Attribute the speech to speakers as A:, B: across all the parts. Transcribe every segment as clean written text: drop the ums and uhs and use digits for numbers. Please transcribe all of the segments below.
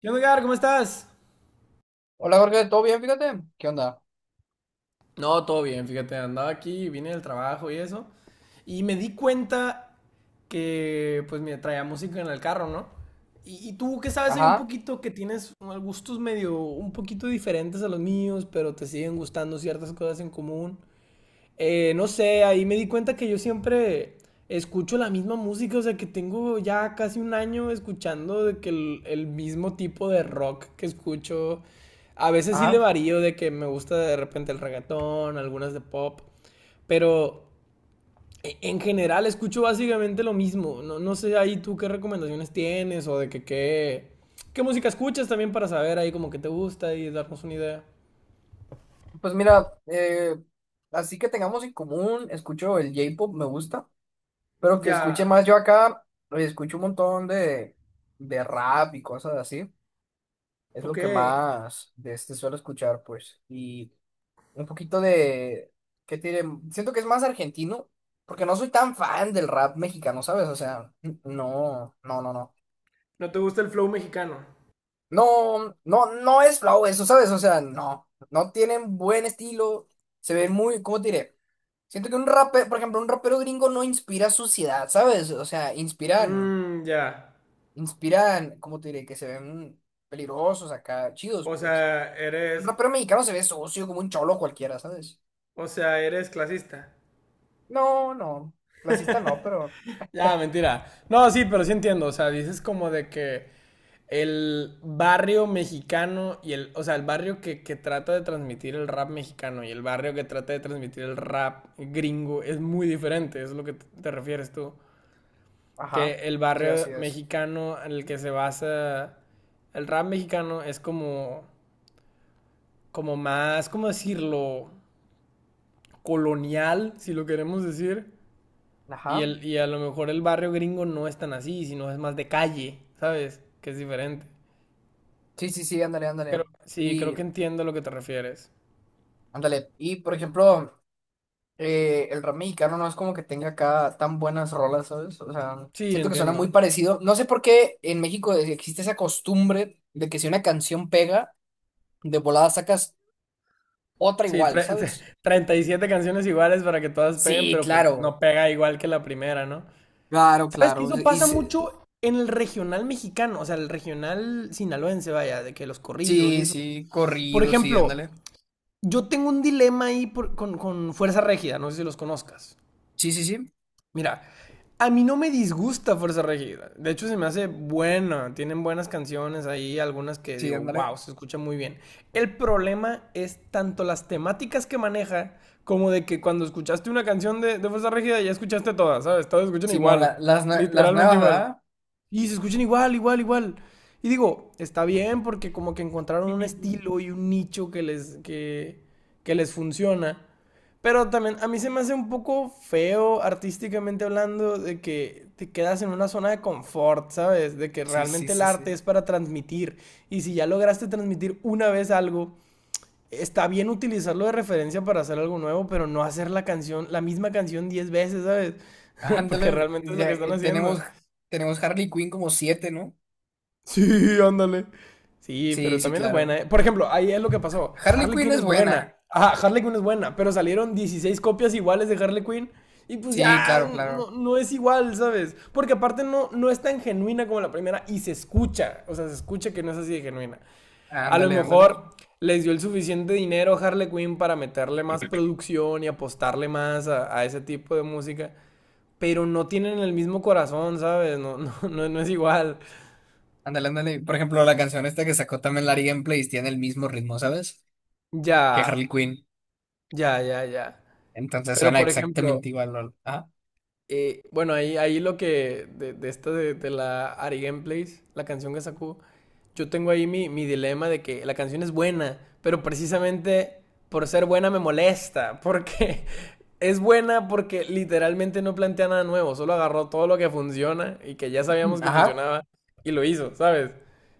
A: ¿Qué onda, Edgar? ¿Cómo estás?
B: Hola Jorge, ¿todo bien? Fíjate. ¿Qué onda?
A: No, todo bien, fíjate, andaba aquí, vine del trabajo y eso, y me di cuenta que, pues, me traía música en el carro, ¿no? Y tú, ¿qué sabes? Hay un
B: Ajá,
A: poquito que tienes unos gustos medio, un poquito diferentes a los míos, pero te siguen gustando ciertas cosas en común. No sé, ahí me di cuenta que yo siempre escucho la misma música, o sea que tengo ya casi un año escuchando de que el mismo tipo de rock que escucho. A veces sí le
B: ajá.
A: varío de que me gusta de repente el reggaetón, algunas de pop, pero en general escucho básicamente lo mismo. No, no sé ahí tú qué recomendaciones tienes o de que qué música escuchas también para saber ahí como que te gusta y darnos una idea.
B: Pues mira, así que tengamos en común, escucho el J-pop, me gusta, pero que escuche
A: Ya,
B: más yo acá, escucho un montón de rap y cosas así. Es lo
A: ok.
B: que más de este suelo escuchar, pues. Y un poquito de, ¿qué tiene? Siento que es más argentino, porque no soy tan fan del rap mexicano, ¿sabes? O sea, no, no, no, no.
A: ¿No te gusta el flow mexicano?
B: No, no, no es flow eso, ¿sabes? O sea, no, no tienen buen estilo, se ven muy, ¿cómo te diré? Siento que un rapero, por ejemplo, un rapero gringo no inspira suciedad, ¿sabes? O sea, inspiran,
A: Mm, ya.
B: inspiran, ¿cómo te diré? Que se ven peligrosos acá, chidos,
A: O
B: pues.
A: sea,
B: Un
A: eres.
B: rapero mexicano se ve socio como un cholo cualquiera, ¿sabes?
A: O sea, eres clasista.
B: No, no, clasista no, pero,
A: Ya, mentira. No, sí, pero sí entiendo. O sea, dices como de que el barrio mexicano y el. O sea, el barrio que trata de transmitir el rap mexicano y el barrio que trata de transmitir el rap gringo es muy diferente. Es lo que te refieres tú.
B: ajá,
A: Que el
B: sí,
A: barrio
B: así es.
A: mexicano en el que se basa. El rap mexicano es como. Como más. ¿Cómo decirlo? Colonial, si lo queremos decir. Y,
B: Ajá,
A: el, y a lo mejor el barrio gringo no es tan así, sino es más de calle, ¿sabes? Que es diferente.
B: sí, sí, sí, ándale, ándale.
A: Sí, creo
B: Y,
A: que entiendo a lo que te refieres.
B: ándale, y por ejemplo... el rap mexicano no es como que tenga acá tan buenas rolas, ¿sabes? O sea,
A: Sí,
B: siento que suena muy
A: entiendo.
B: parecido. No sé por qué en México existe esa costumbre de que si una canción pega, de volada sacas otra
A: Sí,
B: igual, ¿sabes?
A: 37 canciones iguales para que todas peguen,
B: Sí,
A: pero pues no
B: claro,
A: pega igual que la primera, ¿no?
B: claro,
A: ¿Sabes que
B: claro.
A: eso pasa mucho en el regional mexicano? O sea, el regional sinaloense, vaya, de que los corridos y
B: Sí,
A: eso.
B: sí,
A: Por
B: corrido, sí,
A: ejemplo,
B: ándale.
A: yo tengo un dilema ahí con Fuerza Régida, no sé si los conozcas.
B: Sí, sí, sí,
A: Mira, a mí no me disgusta Fuerza Regida. De hecho, se me hace buena. Tienen buenas canciones ahí, algunas que
B: sí,
A: digo, wow,
B: ándale.
A: se escucha muy bien. El problema es tanto las temáticas que maneja, como de que cuando escuchaste una canción de Fuerza Regida ya escuchaste todas, ¿sabes? Todas escuchan
B: Simón, la-
A: igual,
B: las, nue- las
A: literalmente
B: nuevas,
A: igual.
B: ¿verdad?
A: Y se escuchan igual, igual, igual. Y digo, está bien porque como que encontraron un estilo y un nicho que les funciona. Pero también a mí se me hace un poco feo artísticamente hablando de que te quedas en una zona de confort, ¿sabes? De que
B: Sí, sí,
A: realmente el
B: sí,
A: arte es
B: sí.
A: para transmitir. Y si ya lograste transmitir una vez algo, está bien utilizarlo de referencia para hacer algo nuevo, pero no hacer la canción, la misma canción 10 veces, ¿sabes? Porque
B: Ándale,
A: realmente es lo
B: ya,
A: que están haciendo.
B: tenemos, tenemos Harley Quinn como siete, ¿no?
A: Sí, ándale. Sí, pero
B: Sí, sí,
A: también es buena,
B: claro.
A: ¿eh? Por ejemplo, ahí es lo que pasó.
B: Harley
A: Harley
B: Quinn
A: Quinn
B: es
A: es buena.
B: buena.
A: Ajá, Harley Quinn es buena, pero salieron 16 copias iguales de Harley Quinn y pues
B: Sí,
A: ya
B: claro, claro.
A: no, no es igual, ¿sabes? Porque aparte no, no es tan genuina como la primera y se escucha, o sea, se escucha que no es así de genuina. A lo
B: Ándale, ándale.
A: mejor les dio el suficiente dinero a Harley Quinn para meterle más producción y apostarle más a ese tipo de música, pero no tienen el mismo corazón, ¿sabes? No, no, no, no es igual.
B: Ándale, ándale. Por ejemplo, la canción esta que sacó también Larry Gameplays tiene el mismo ritmo, ¿sabes?
A: Ya.
B: Que Harley Quinn.
A: Ya, ya, ya.
B: Entonces
A: Pero
B: suena
A: por ejemplo,
B: exactamente igual, lol. Ajá.
A: bueno, ahí lo que de la Ari Gameplays, la canción que sacó, yo tengo ahí mi dilema de que la canción es buena, pero precisamente por ser buena me molesta, porque es buena porque literalmente no plantea nada nuevo, solo agarró todo lo que funciona y que ya sabíamos que
B: Ajá.
A: funcionaba y lo hizo, ¿sabes?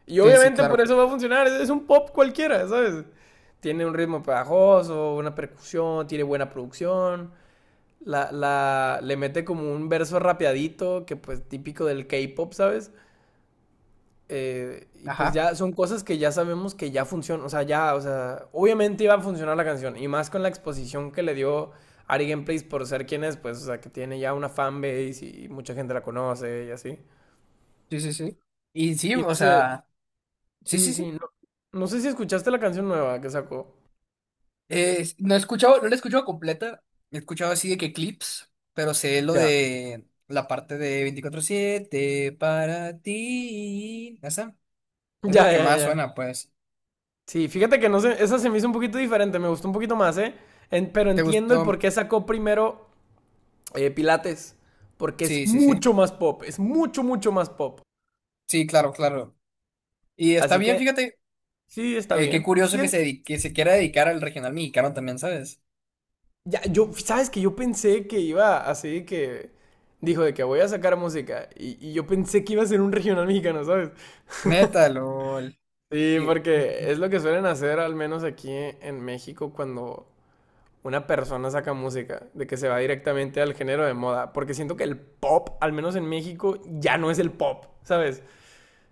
A: Y
B: Sí, sí,
A: obviamente por
B: claro.
A: eso va a funcionar, es un pop cualquiera, ¿sabes? Tiene un ritmo pegajoso, una percusión, tiene buena producción. Le mete como un verso rapeadito, que pues típico del K-pop, ¿sabes? Y pues
B: Ajá.
A: ya son cosas que ya sabemos que ya funcionan, o sea, ya, o sea, obviamente iba a funcionar la canción, y más con la exposición que le dio Ari Gameplays por ser quien es, pues, o sea, que tiene ya una fanbase y mucha gente la conoce y así.
B: Sí, sí, sí. Y sí,
A: Y no
B: o
A: sé,
B: sea, sí,
A: sí,
B: sí,
A: sí,
B: sí.
A: no, no sé si escuchaste la canción nueva que sacó.
B: No la he escuchado completa. He escuchado así de que clips, pero sé lo
A: Ya,
B: de la parte de 24/7 para ti. Esa es lo
A: ya,
B: que
A: ya,
B: más
A: ya.
B: suena, pues.
A: Sí, fíjate que no sé, esa se me hizo un poquito diferente, me gustó un poquito más, ¿eh? Pero
B: ¿Te
A: entiendo el por
B: gustó?
A: qué sacó primero Pilates, porque es
B: Sí, sí, sí.
A: mucho más pop, es mucho, mucho más pop.
B: Sí, claro, claro. Y está
A: Así
B: bien,
A: que
B: fíjate,
A: sí, está
B: qué
A: bien.
B: curioso que se quiera dedicar al regional mexicano también, ¿sabes?
A: Ya, sabes que yo pensé que iba así que dijo de que voy a sacar música y yo pensé que iba a ser un regional mexicano, ¿sabes?
B: Neta, lol.
A: Sí,
B: Yo-
A: porque es lo que suelen hacer al menos aquí en México cuando una persona saca música, de que se va directamente al género de moda, porque siento que el pop, al menos en México, ya no es el pop, ¿sabes?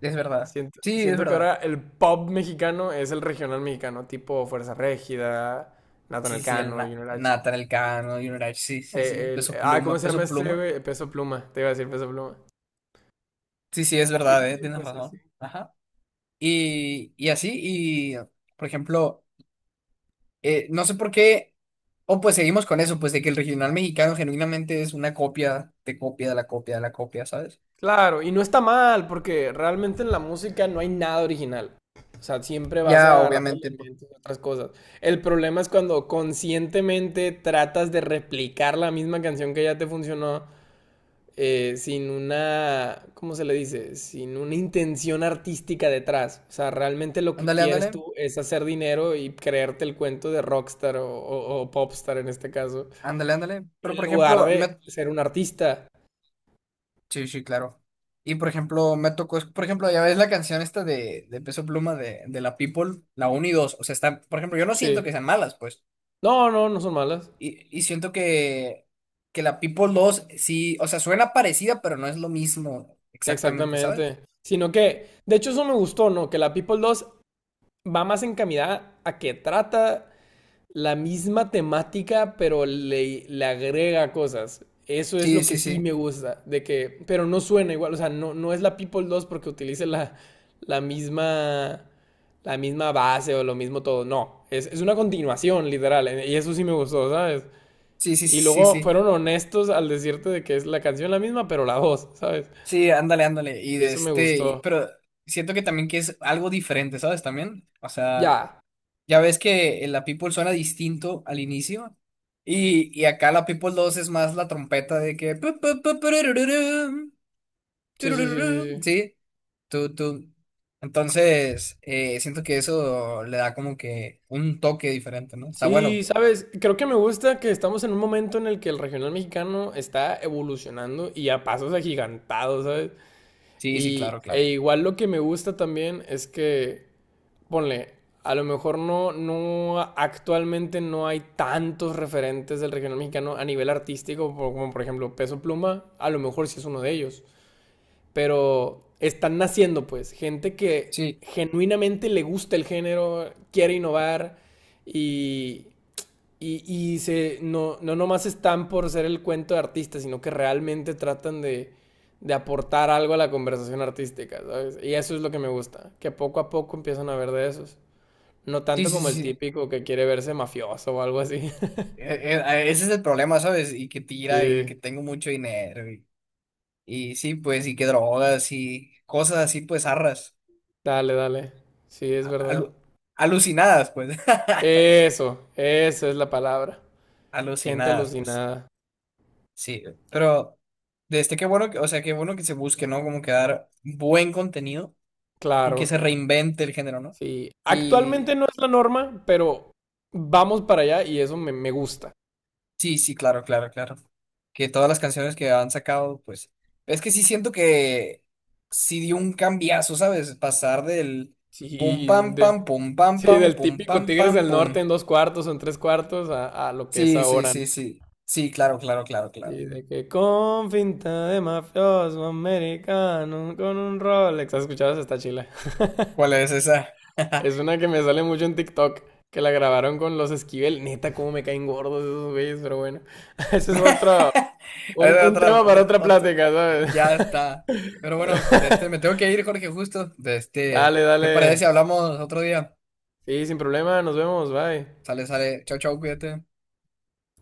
B: Es verdad.
A: Siento,
B: Sí, es
A: siento que
B: verdad.
A: ahora el pop mexicano es el regional mexicano, tipo Fuerza Régida, Nathan
B: Sí, sí, sí, el
A: Elcano, Junior H.
B: Nathan Elcano, Junior sí, sí, sí. Peso
A: ¿Cómo
B: Pluma,
A: se llama
B: Peso
A: este,
B: Pluma.
A: güey? Peso Pluma, te iba a decir Peso Pluma.
B: Sí, sí, es
A: Sí,
B: verdad, tienes
A: pues así.
B: razón. Ajá. Y así, y por ejemplo, no sé por qué, o pues seguimos con eso, pues de que el regional mexicano genuinamente es una copia de la copia de la copia, ¿sabes?
A: Claro, y no está mal, porque realmente en la música no hay nada original. O sea, siempre vas a
B: Ya,
A: agarrar
B: obviamente, pues,
A: elementos de otras cosas. El problema es cuando conscientemente tratas de replicar la misma canción que ya te funcionó sin una, ¿cómo se le dice? Sin una intención artística detrás. O sea, realmente lo que
B: ándale, ándale,
A: quieres tú es hacer dinero y creerte el cuento de rockstar o popstar en este caso,
B: ándale, ándale. Pero
A: en
B: por
A: lugar
B: ejemplo,
A: de ser un artista.
B: sí, sí, claro. Y por ejemplo, me tocó, por ejemplo, ya ves la canción esta de Peso Pluma de la People, la uno y dos. O sea, está, por ejemplo, yo no siento
A: Sí.
B: que sean malas, pues.
A: No, no, no son malas.
B: Y siento que la People 2 sí, o sea, suena parecida, pero no es lo mismo exactamente, ¿sabes?
A: Exactamente. Sino que, de hecho, eso me gustó, ¿no? Que la People 2 va más encaminada a que trata la misma temática, pero le agrega cosas. Eso es
B: Sí,
A: lo que
B: sí,
A: sí
B: sí.
A: me gusta, de que, pero no suena igual, o sea, no, no es la People 2 porque utilice la misma, la misma base o lo mismo todo, no, es una continuación, literal, y eso sí me gustó, ¿sabes?
B: Sí, sí,
A: Y
B: sí, sí,
A: luego fueron
B: sí.
A: honestos al decirte de que es la canción la misma, pero la voz, ¿sabes?
B: Sí, ándale, ándale. Y
A: Y
B: de
A: eso me
B: este,
A: gustó.
B: pero siento que también que es algo diferente, ¿sabes? También. O sea.
A: Ya,
B: Ya ves que la People suena distinto al inicio. Y acá la People 2 es más la trompeta de que. Pu, pu, pu, purururum,
A: sí, sí, sí, sí,
B: turururum,
A: sí.
B: sí. Tú, tú. Entonces, siento que eso le da como que un toque diferente, ¿no? Está bueno,
A: Sí,
B: pues.
A: sabes, creo que me gusta que estamos en un momento en el que el regional mexicano está evolucionando y a pasos agigantados, ¿sabes?
B: Sí, sí,
A: Y
B: claro,
A: e
B: claro.
A: igual lo que me gusta también es que, ponle, a lo mejor no, no, actualmente no hay tantos referentes del regional mexicano a nivel artístico, por- como por ejemplo Peso Pluma, a lo mejor sí es uno de ellos, pero están naciendo pues, gente que
B: Sí,
A: genuinamente le gusta el género, quiere innovar y... Y, y se, no, no nomás están por ser el cuento de artistas sino que realmente tratan de aportar algo a la conversación artística, ¿sabes? Y eso es lo que me gusta, que poco a poco empiezan a ver de esos. No
B: sí,
A: tanto
B: sí,
A: como
B: sí,
A: el
B: sí.
A: típico que quiere verse mafioso o algo así.
B: Ese es el problema, ¿sabes? Y que tira y de que
A: Sí,
B: tengo mucho dinero. Y sí, pues, y que drogas y cosas así, pues, arras.
A: dale, dale. Sí, es verdad.
B: Alu- alucinadas, pues.
A: Eso es la palabra. Gente
B: Alucinadas, pues.
A: alucinada.
B: Sí, pero desde qué bueno que, o sea, qué bueno que se busque, ¿no? Como que dar buen contenido y que
A: Claro,
B: se reinvente el género, ¿no?
A: sí. Actualmente
B: Y
A: no es la norma, pero vamos para allá y eso me gusta.
B: sí, sí, claro, claro, claro. Que todas las canciones que han sacado, pues. Es que sí siento que sí dio un cambiazo, ¿sabes? Pasar del pum
A: Sí,
B: pam
A: de,
B: pam, pum pam
A: sí,
B: pam,
A: del
B: pum
A: típico
B: pam
A: Tigres
B: pam,
A: del Norte en
B: pum.
A: 2/4 o en 3/4 a lo que es
B: Sí, sí,
A: ahora, ¿no?
B: sí, sí. Sí, claro, claro, claro, claro.
A: Y de que con finta de mafioso americano, con un Rolex. ¿Has escuchado esta chila?
B: ¿Cuál es esa?
A: Es una que me sale mucho en TikTok, que la grabaron con los Esquivel. Neta, cómo me caen gordos esos güeyes, pero bueno. Ese es otro,
B: Hay
A: un tema
B: otra,
A: para
B: otra,
A: otra
B: otra.
A: plática, ¿sabes?
B: Ya está. Pero bueno, de este, me tengo que ir, Jorge, justo. De este,
A: Dale,
B: ¿te
A: dale.
B: parece si hablamos otro día?
A: Sí, sin problema, nos vemos, bye.
B: Sale, sale. Chao, chao, cuídate.